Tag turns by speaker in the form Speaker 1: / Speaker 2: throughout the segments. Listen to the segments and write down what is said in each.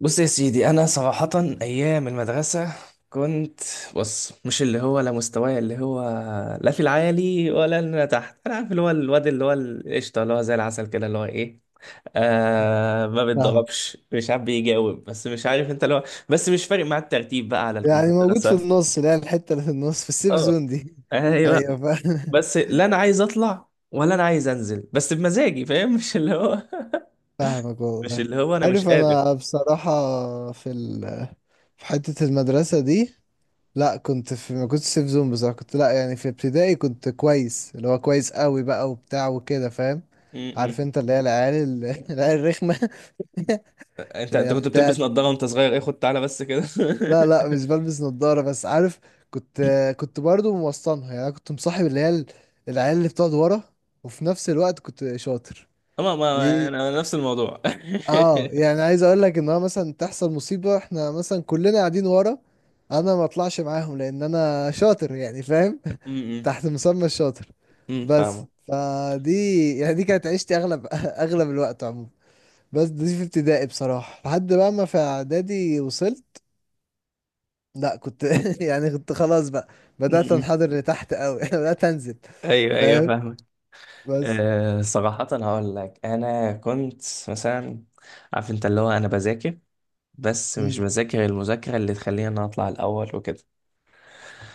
Speaker 1: بص يا سيدي، انا صراحة ايام المدرسة كنت. بص، مش اللي هو، لا مستواي اللي هو لا في العالي ولا اللي أنا تحت. انا عارف اللي هو الواد اللي هو القشطة، اللي هو زي العسل كده، اللي هو ايه، ما
Speaker 2: فاهم.
Speaker 1: بيتضربش، مش عارف بيجاوب، بس مش عارف انت اللي هو. بس مش فارق مع الترتيب بقى على
Speaker 2: يعني موجود في
Speaker 1: المدرسة.
Speaker 2: النص، اللي هي الحتة اللي في النص في السيف
Speaker 1: اه،
Speaker 2: زون دي ايوه،
Speaker 1: ايوه.
Speaker 2: فاهم.
Speaker 1: بس لا انا عايز اطلع ولا انا عايز انزل، بس بمزاجي، فاهم مش اللي هو.
Speaker 2: فاهمك
Speaker 1: مش
Speaker 2: والله.
Speaker 1: اللي هو انا مش
Speaker 2: عارف،
Speaker 1: قادر.
Speaker 2: انا بصراحة في ال في حتة المدرسة دي، لا كنت في، ما كنتش سيف زون بصراحة. كنت، لا يعني في ابتدائي كنت كويس، اللي هو كويس قوي بقى وبتاع وكده، فاهم؟
Speaker 1: م-
Speaker 2: عارف
Speaker 1: م.
Speaker 2: انت اللي هي العيال العيال الرخمة.
Speaker 1: انت
Speaker 2: اللي
Speaker 1: انت
Speaker 2: هي
Speaker 1: كنت
Speaker 2: بتاع.
Speaker 1: بتلبس نظارة وانت صغير، ايه، خد تعالى بس كده.
Speaker 2: لا لا، مش بلبس نظارة، بس عارف، كنت كنت برضو موسطنها. يعني أنا كنت مصاحب اللي هي العيال اللي بتقعد ورا، وفي نفس الوقت كنت شاطر
Speaker 1: اما ما انا
Speaker 2: دي.
Speaker 1: أنا نفس الموضوع.
Speaker 2: اه، يعني عايز اقول لك ان هو مثلا تحصل مصيبة، احنا مثلا كلنا قاعدين ورا، انا ما اطلعش معاهم لان انا شاطر، يعني فاهم.
Speaker 1: امم
Speaker 2: تحت مسمى الشاطر. بس
Speaker 1: فاهمك.
Speaker 2: فدي، يعني دي كانت عيشتي اغلب، اغلب الوقت عموما. بس دي في ابتدائي بصراحة، لحد بقى ما في اعدادي وصلت، لا كنت يعني كنت خلاص بقى. بدأت
Speaker 1: امم
Speaker 2: انحدر لتحت قوي، بدأت انزل.
Speaker 1: ايوه ايوه
Speaker 2: فاهم؟
Speaker 1: فاهمك.
Speaker 2: بس
Speaker 1: صراحة هقول لك انا كنت مثلا. عارف انت اللي هو انا بذاكر، بس مش
Speaker 2: مم.
Speaker 1: بذاكر المذاكرة اللي تخليني انا اطلع الاول وكده.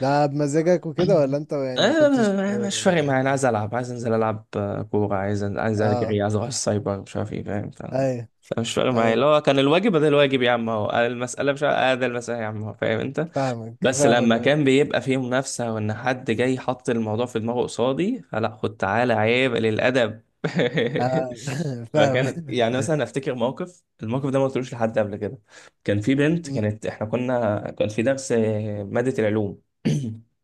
Speaker 2: ده بمزاجك وكده، ولا انت يعني ما كنتش؟
Speaker 1: مش فارق معايا، انا عايز العب، عايز انزل العب، كوره، عايز
Speaker 2: اه.
Speaker 1: اجري، عايز اروح السايبر، مش عارف ايه، فاهم.
Speaker 2: ايوه،
Speaker 1: فمش فارق معايا اللي
Speaker 2: ايوه
Speaker 1: هو. كان الواجب ده الواجب يا عم اهو، المساله، مش عارف- آه ده المساله يا عم اهو، فاهم انت.
Speaker 2: فاهمك،
Speaker 1: بس
Speaker 2: فاهمك
Speaker 1: لما
Speaker 2: أوي.
Speaker 1: كان بيبقى فيه منافسه وان حد جاي حط الموضوع في دماغه قصادي، فلا، خد تعالى، عيب للادب.
Speaker 2: آه. فاهمك.
Speaker 1: فكان يعني مثلا افتكر الموقف ده ما قلتلوش لحد قبل كده. كان في بنت،
Speaker 2: مم.
Speaker 1: كانت احنا كنا كان في درس، ماده العلوم.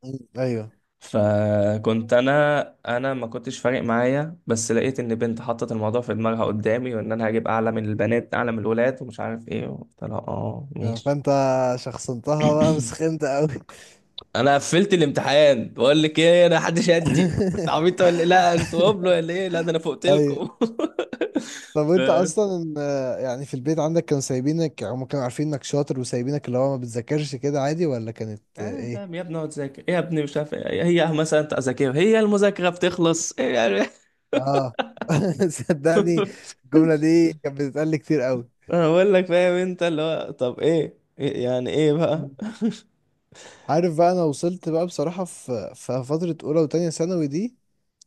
Speaker 2: مم. ايوه.
Speaker 1: فكنت انا، ما كنتش فارق معايا، بس لقيت ان بنت حطت الموضوع في دماغها قدامي، وان انا هجيب اعلى من البنات اعلى من الولاد ومش عارف ايه. قلت لها اه ماشي.
Speaker 2: فانت شخصنتها بقى وسخنت قوي.
Speaker 1: انا قفلت الامتحان، بقول لك ايه، انا حدش يدي. انت عبيط ولا إيه؟ لا انتوا قبلوا ولا ايه؟ لا، ده انا فوقت
Speaker 2: ايوه.
Speaker 1: لكم.
Speaker 2: طب
Speaker 1: ف...
Speaker 2: انت اصلا، يعني في البيت عندك كانوا سايبينك؟ هم كانوا عارفين انك شاطر وسايبينك اللي هو ما بتذاكرش كده عادي، ولا كانت
Speaker 1: آه، فاهم
Speaker 2: ايه؟
Speaker 1: يا ابني، اقعد ذاكر إيه يا ابني، مش عارف إيه. هي مثلا انت اذاكرها، هي المذاكره بتخلص إيه يعني؟
Speaker 2: اه صدقني، الجملة دي كانت بتتقال لي كتير قوي.
Speaker 1: انا بقول لك، فاهم انت اللي هو، طب ايه، إيه يعني ايه بقى؟
Speaker 2: مم. عارف بقى، انا وصلت بقى بصراحة في فترة اولى وتانية ثانوي دي،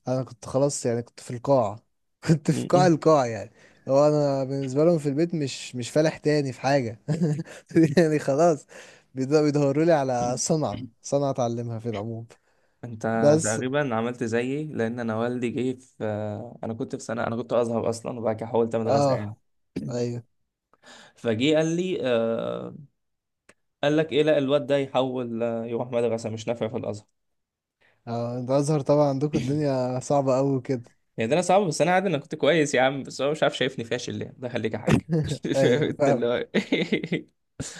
Speaker 2: انا كنت خلاص، يعني كنت في القاع. كنت في قاع
Speaker 1: م-م.
Speaker 2: القاع يعني. هو انا بالنسبة لهم في البيت مش فالح تاني في حاجة. يعني خلاص، بيدوروا لي على صنعة، صنعة اتعلمها في العموم.
Speaker 1: انت
Speaker 2: بس.
Speaker 1: تقريبا عملت زيي، لان انا والدي جه انا كنت في سنه انا كنت ازهر اصلا، وبعد كده حولت مدرسه يعني.
Speaker 2: اه، ايوه.
Speaker 1: فجه قال لي، قال لك ايه، لا، الواد ده يحول، يروح مدرسه، مش نافع في الازهر
Speaker 2: اه، انت ازهر طبعا، عندكم الدنيا صعبة قوي كده.
Speaker 1: يعني. ده انا صعب، بس انا عادي، انا كنت كويس يا عم، بس هو مش عارف شايفني فاشل ليه، ده خليك يا حاج. فاهم
Speaker 2: ايوه
Speaker 1: انت اللي
Speaker 2: فاهم.
Speaker 1: هو إيه؟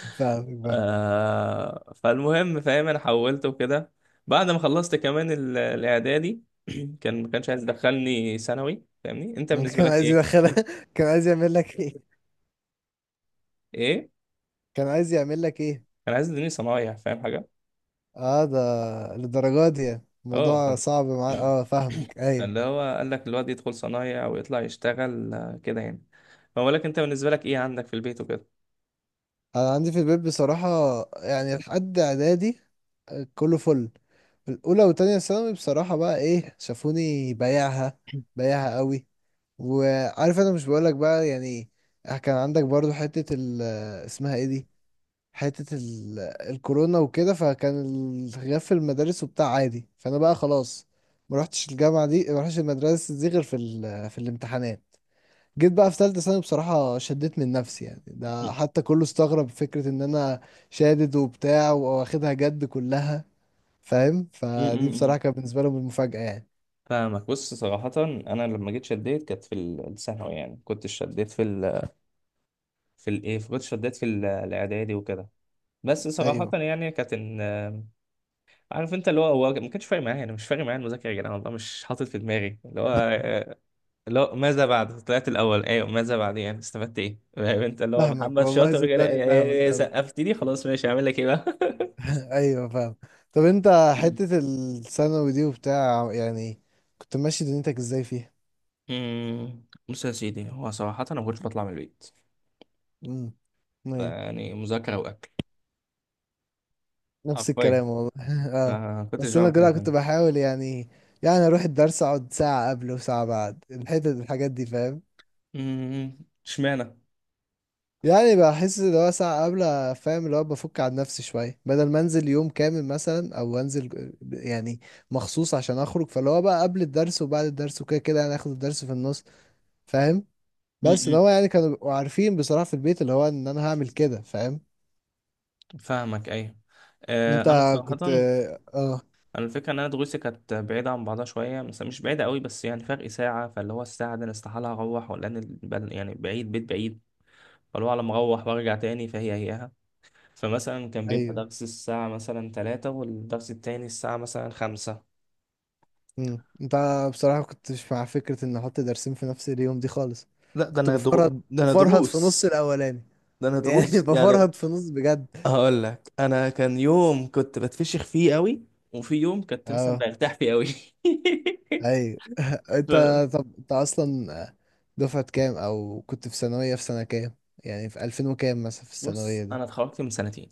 Speaker 2: فاهم.
Speaker 1: فالمهم، فاهم، انا حولت وكده. بعد ما خلصت كمان الاعدادي، ما كانش عايز يدخلني ثانوي، فاهمني انت بالنسبه
Speaker 2: كان
Speaker 1: لك
Speaker 2: عايز
Speaker 1: إيه؟
Speaker 2: يدخلها؟ كان عايز يعمل لك ايه؟
Speaker 1: ايه.
Speaker 2: كان عايز يعمل لك ايه؟
Speaker 1: كان عايز يديني صنايع، فاهم حاجه.
Speaker 2: اه ده للدرجات دي يعني.
Speaker 1: اه.
Speaker 2: الموضوع صعب معايا، اه فاهمك
Speaker 1: فاللي
Speaker 2: ايوه.
Speaker 1: هو قال لك الواد يدخل صنايع ويطلع يشتغل كده يعني. فبقول لك انت بالنسبه لك ايه عندك في البيت وكده.
Speaker 2: انا عندي في البيت بصراحة، يعني لحد اعدادي كله فل. في الاولى وتانية ثانوي بصراحة بقى ايه، شافوني بايعها، بايعها قوي. وعارف انا مش بقولك بقى يعني، كان عندك برضو حتة ال، اسمها ايه دي، حتة ال... الكورونا وكده، فكان الغياب في المدارس وبتاع عادي، فأنا بقى خلاص ما رحتش الجامعة دي، ما رحتش المدرسة دي، غير في الامتحانات. جيت بقى في تالتة ثانوي، بصراحة شديت من نفسي، يعني
Speaker 1: م-
Speaker 2: ده حتى كله استغرب فكرة إن أنا شادد وبتاع وواخدها جد كلها، فاهم. فدي
Speaker 1: م.
Speaker 2: بصراحة كانت بالنسبة لهم المفاجأة يعني.
Speaker 1: فاهمك. بص صراحه، انا لما جيت شديت كانت في الثانوي. يعني كنت شديت في الايه، كنت شديت في الاعدادي وكده. بس صراحه
Speaker 2: أيوه
Speaker 1: يعني كانت عارف انت اللي هو هو ما كانش فارق معايا، انا مش فارق معايا المذاكره يا جدعان، والله مش حاطط في دماغي اللي هو، لا، ماذا بعد طلعت الاول؟ ايوه، ماذا بعد؟ يعني استفدت ايه؟ فاهم انت اللي هو،
Speaker 2: فاهمك
Speaker 1: محمد
Speaker 2: والله،
Speaker 1: شاطر كده،
Speaker 2: صدقني
Speaker 1: إيه، إيه،
Speaker 2: فاهمك
Speaker 1: إيه،
Speaker 2: أوي.
Speaker 1: سقفت لي خلاص ماشي، هعمل لك ايه بقى؟
Speaker 2: أيوه فاهم. طب أنت حتة الثانوي دي وبتاع، يعني كنت ماشي دنيتك إزاي فيها؟
Speaker 1: بص يا سيدي، هو صراحة أنا ما كنتش بطلع من البيت،
Speaker 2: امم. ايوه،
Speaker 1: يعني مذاكرة وأكل،
Speaker 2: نفس
Speaker 1: حرفيا
Speaker 2: الكلام والله. اه.
Speaker 1: ما كنتش
Speaker 2: بس انا
Speaker 1: بعمل حاجة
Speaker 2: كده كنت
Speaker 1: تانية.
Speaker 2: بحاول، يعني يعني اروح الدرس اقعد ساعة قبل وساعة بعد، الحتة الحاجات دي فاهم.
Speaker 1: أمم، اشمعنى.
Speaker 2: يعني بحس اللي هو ساعة قبل، فاهم، اللي هو بفك عن نفسي شوية، بدل ما انزل يوم كامل مثلا او انزل يعني مخصوص عشان اخرج. فاللي هو بقى قبل الدرس وبعد الدرس وكده كده، يعني اخد الدرس في النص، فاهم. بس اللي
Speaker 1: أمم،
Speaker 2: هو يعني كانوا بيبقوا عارفين بصراحة في البيت اللي هو ان انا هعمل كده، فاهم؟
Speaker 1: فاهمك أيوة.
Speaker 2: انت
Speaker 1: أنا صراحة،
Speaker 2: كنت. اه،
Speaker 1: أنا الفكرة إن أنا دروسي كانت بعيدة عن بعضها شوية، بس مش بعيدة قوي، بس يعني فرق ساعة. فاللي هو الساعة دي أنا استحالة أروح، ولا أنا يعني بعيد، بيت بعيد. فاللي هو على ما اروح وارجع تاني فهي هيها. فمثلا كان بيبقى
Speaker 2: ايوه،
Speaker 1: درس الساعة مثلا 3، والدرس التاني الساعة مثلا 5.
Speaker 2: مم. انت بصراحة كنتش مع فكرة ان احط درسين في نفس اليوم دي خالص.
Speaker 1: لا، ده
Speaker 2: كنت
Speaker 1: انا
Speaker 2: بفرهد،
Speaker 1: ده انا
Speaker 2: بفرهد في نص
Speaker 1: دروس،
Speaker 2: الاولاني.
Speaker 1: ده انا
Speaker 2: يعني
Speaker 1: دروس يعني.
Speaker 2: بفرهد في نص بجد.
Speaker 1: هقول لك، انا كان يوم كنت بتفشخ فيه قوي، وفي يوم كنت مثلا
Speaker 2: اه،
Speaker 1: برتاح فيه قوي.
Speaker 2: ايوه.
Speaker 1: ف-
Speaker 2: انت، طب انت اصلا دفعة كام، او كنت في ثانوية في سنة كام، يعني في 2000 وكام مثلا في
Speaker 1: بص،
Speaker 2: الثانوية دي؟
Speaker 1: انا اتخرجت من سنتين.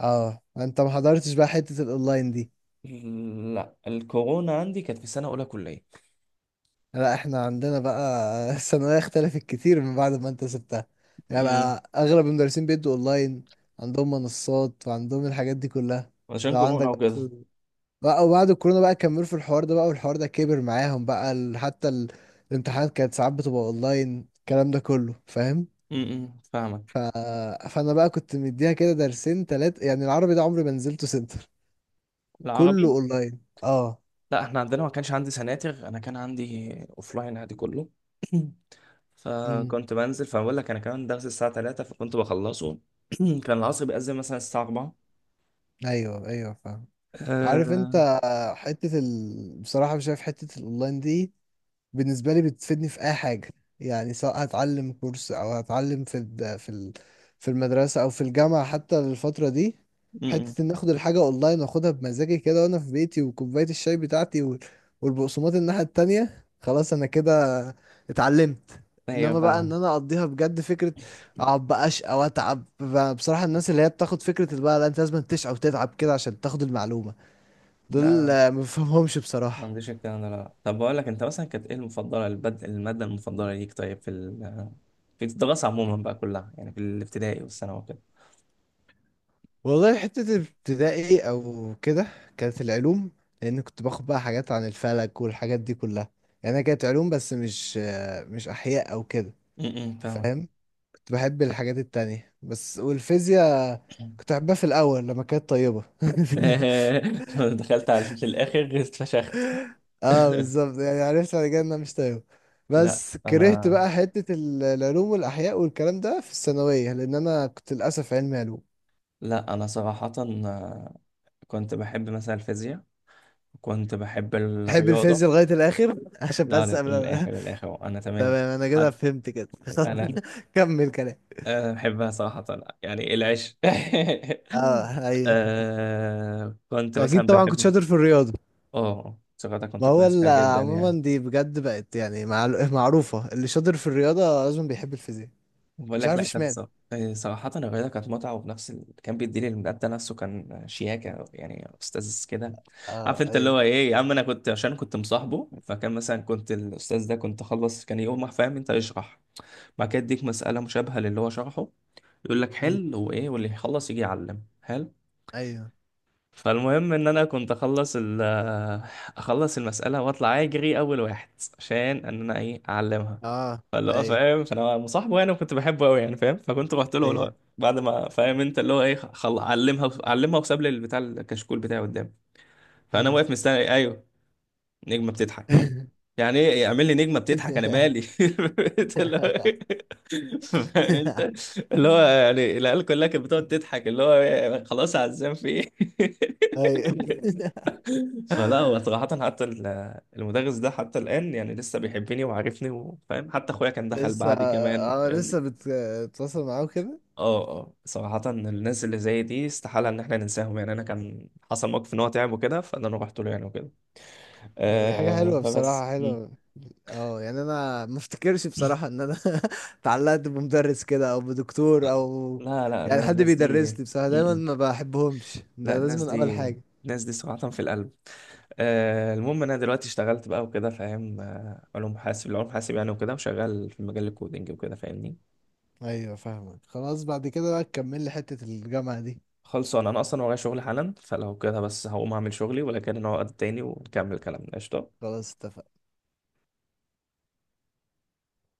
Speaker 2: اه انت ما حضرتش بقى حتة الاونلاين دي.
Speaker 1: لا، الكورونا عندي كانت في سنه اولى كليه.
Speaker 2: لا، احنا عندنا بقى الثانوية اختلفت كتير من بعد ما انت سبتها، يعني
Speaker 1: امم
Speaker 2: بقى اغلب المدرسين بيدوا اونلاين، عندهم منصات وعندهم الحاجات دي كلها.
Speaker 1: عشان
Speaker 2: لو
Speaker 1: كورونا
Speaker 2: عندك
Speaker 1: وكده.
Speaker 2: بقى، وبعد الكورونا بقى كملوا في الحوار ده بقى، والحوار ده كبر معاهم بقى حتى الامتحانات كانت ساعات بتبقى اونلاين، الكلام ده كله فاهم.
Speaker 1: فاهمك.
Speaker 2: ف... فانا بقى كنت مديها كده درسين تلات، يعني العربي ده عمري ما نزلته سنتر. كله
Speaker 1: العربي
Speaker 2: اونلاين اه.
Speaker 1: لا احنا عندنا ما كانش عندي سناتر، انا كان عندي اوفلاين عادي كله.
Speaker 2: امم.
Speaker 1: فكنت بنزل، فبقول لك انا كمان درس الساعه 3 فكنت بخلصه. كان العصر بيأذن مثلا الساعه 4.
Speaker 2: ايوه، ايوه فاهم. عارف
Speaker 1: أه...
Speaker 2: انت حتة بصراحة شايف حتة الاونلاين دي بالنسبة لي بتفيدني في اي حاجة، يعني سواء هتعلم كورس او هتعلم في المدرسة او في الجامعة حتى، للفترة دي.
Speaker 1: م-م.
Speaker 2: حتة ان اخد الحاجة اونلاين واخدها بمزاجي كده، وانا في بيتي وكوباية الشاي بتاعتي والبقسماط الناحية التانية، خلاص انا كده اتعلمت.
Speaker 1: ايوه
Speaker 2: انما بقى ان
Speaker 1: فاهم.
Speaker 2: انا اقضيها بجد، فكرة
Speaker 1: لا
Speaker 2: اقعد بقى اشقى واتعب بصراحة الناس اللي هي بتاخد فكرة، اللي بقى لا انت لازم تشقى وتتعب كده عشان تاخد المعلومة، دول
Speaker 1: لا،
Speaker 2: ما بفهمهمش
Speaker 1: ما
Speaker 2: بصراحة.
Speaker 1: عنديش الكلام ده. لا، طب بقول لك انت مثلا كانت ايه المفضله، الماده المفضله ليك طيب في في الدراسه عموما بقى كلها، يعني في الابتدائي والثانوي وكده.
Speaker 2: والله حتة الابتدائي أو كده كانت العلوم، لأن كنت باخد بقى حاجات عن الفلك والحاجات دي كلها، يعني أنا كانت علوم، بس مش أحياء أو كده.
Speaker 1: م-م، فاهمك.
Speaker 2: فاهم. كنت بحب الحاجات التانية بس، والفيزياء كنت أحبها في الأول لما كانت طيبة.
Speaker 1: دخلت على في الاخر اتفشخت.
Speaker 2: اه بالظبط، يعني عرفت بعد كده إنها مش طيبة.
Speaker 1: لا
Speaker 2: بس كرهت
Speaker 1: انا.
Speaker 2: بقى حتة العلوم والأحياء والكلام ده في الثانوية، لأن أنا كنت للأسف علمي علوم.
Speaker 1: لا أنا صراحة، آه، كنت بحب مثلا الفيزياء، كنت بحب
Speaker 2: تحب الفيز
Speaker 1: الرياضة.
Speaker 2: لغاية الآخر؟ عشان
Speaker 1: لا،
Speaker 2: بس قبل
Speaker 1: للآخر، للآخر أنا تمام.
Speaker 2: تمام أنا كده
Speaker 1: حتى
Speaker 2: فهمت كده.
Speaker 1: أنا،
Speaker 2: كمل كلام.
Speaker 1: بحبها صراحة يعني. إيه العيش.
Speaker 2: اه ايوه،
Speaker 1: كنت
Speaker 2: اكيد
Speaker 1: مثلا
Speaker 2: طبعا كنت
Speaker 1: بحب.
Speaker 2: شاطر في الرياضة.
Speaker 1: اه صراحة
Speaker 2: ما
Speaker 1: كنت
Speaker 2: هو
Speaker 1: كويس فيها جدا يعني.
Speaker 2: عموما دي بجد بقت يعني معروفة، اللي شاطر في الرياضة لازم بيحب الفيزياء،
Speaker 1: بقول
Speaker 2: مش
Speaker 1: لك
Speaker 2: عارف
Speaker 1: لا، كانت
Speaker 2: اشمعنى.
Speaker 1: صراحة الرياضة كانت متعة، وفي نفس كان بيدي لي المدى نفسه، كان شياكة يعني، أستاذ كده. عارف
Speaker 2: اه،
Speaker 1: أنت اللي
Speaker 2: ايوه.
Speaker 1: هو إيه يا عم، أنا كنت عشان كنت مصاحبه، فكان مثلا كنت الأستاذ ده كنت أخلص، كان يقوم راح، فاهم أنت، يشرح. بعد كده يديك مسألة مشابهة للي هو شرحه، يقول لك
Speaker 2: مم.
Speaker 1: حل وإيه، واللي يخلص يجي يعلم حلو.
Speaker 2: ايوه.
Speaker 1: فالمهم ان انا كنت اخلص اخلص المساله واطلع اجري اول واحد عشان ان انا ايه، اعلمها.
Speaker 2: اه،
Speaker 1: فاللي هو
Speaker 2: ايوه،
Speaker 1: فاهم، فانا مصاحبه يعني وكنت بحبه قوي يعني، فاهم. فكنت رحت له اللي
Speaker 2: ايوه.
Speaker 1: هو بعد ما، فاهم انت اللي هو ايه، علمها علمها، وساب لي البتاع، الكشكول بتاعي قدامي. فانا
Speaker 2: مم.
Speaker 1: واقف مستني، ايوه، نجمه بتضحك. يعني ايه اعمل لي نجمه بتضحك؟ انا مالي؟ انت اللي هو فاهم. انت اللي هو يعني العيال كلها كانت بتقعد تضحك، اللي هو إيه، خلاص، عزام في ايه.
Speaker 2: ايوه.
Speaker 1: فلا، هو صراحة حتى المدرس ده حتى الآن يعني لسه بيحبني وعارفني وفاهم، حتى أخويا كان دخل
Speaker 2: لسه
Speaker 1: بعدي كمان
Speaker 2: اه
Speaker 1: فاهمني.
Speaker 2: لسه بتتواصل معاه كده.
Speaker 1: اه اه، صراحة الناس اللي زي دي استحالة إن احنا ننساهم يعني. أنا كان حصل موقف إن هو تعب وكده، فأنا رحت له يعني وكده.
Speaker 2: دي حاجة حلوة
Speaker 1: فبس،
Speaker 2: بصراحة،
Speaker 1: مم.
Speaker 2: حلوة. اه يعني انا ما افتكرش بصراحة ان انا اتعلقت بمدرس كده او بدكتور او،
Speaker 1: لا لا، أنا
Speaker 2: يعني حد
Speaker 1: الناس
Speaker 2: بيدرس
Speaker 1: دي،
Speaker 2: لي بصراحة دايما
Speaker 1: مم.
Speaker 2: ما بحبهمش،
Speaker 1: لا،
Speaker 2: ده لازم
Speaker 1: الناس
Speaker 2: من اول
Speaker 1: دي،
Speaker 2: حاجة.
Speaker 1: الناس دي صراحة في القلب. المهم أنا دلوقتي اشتغلت بقى وكده، فاهم، علوم حاسب العلوم حاسب يعني وكده، وشغال في مجال الكودينج وكده، فاهمني.
Speaker 2: ايوه فاهمك خلاص، بعد كده بقى تكمل لي حتة الجامعة دي.
Speaker 1: خلصان انا اصلا، ورايا شغل حالا، فلو كده بس هقوم اعمل شغلي، ولكن نقعد تاني ونكمل كلامنا قشطة.
Speaker 2: خلاص اتفقنا.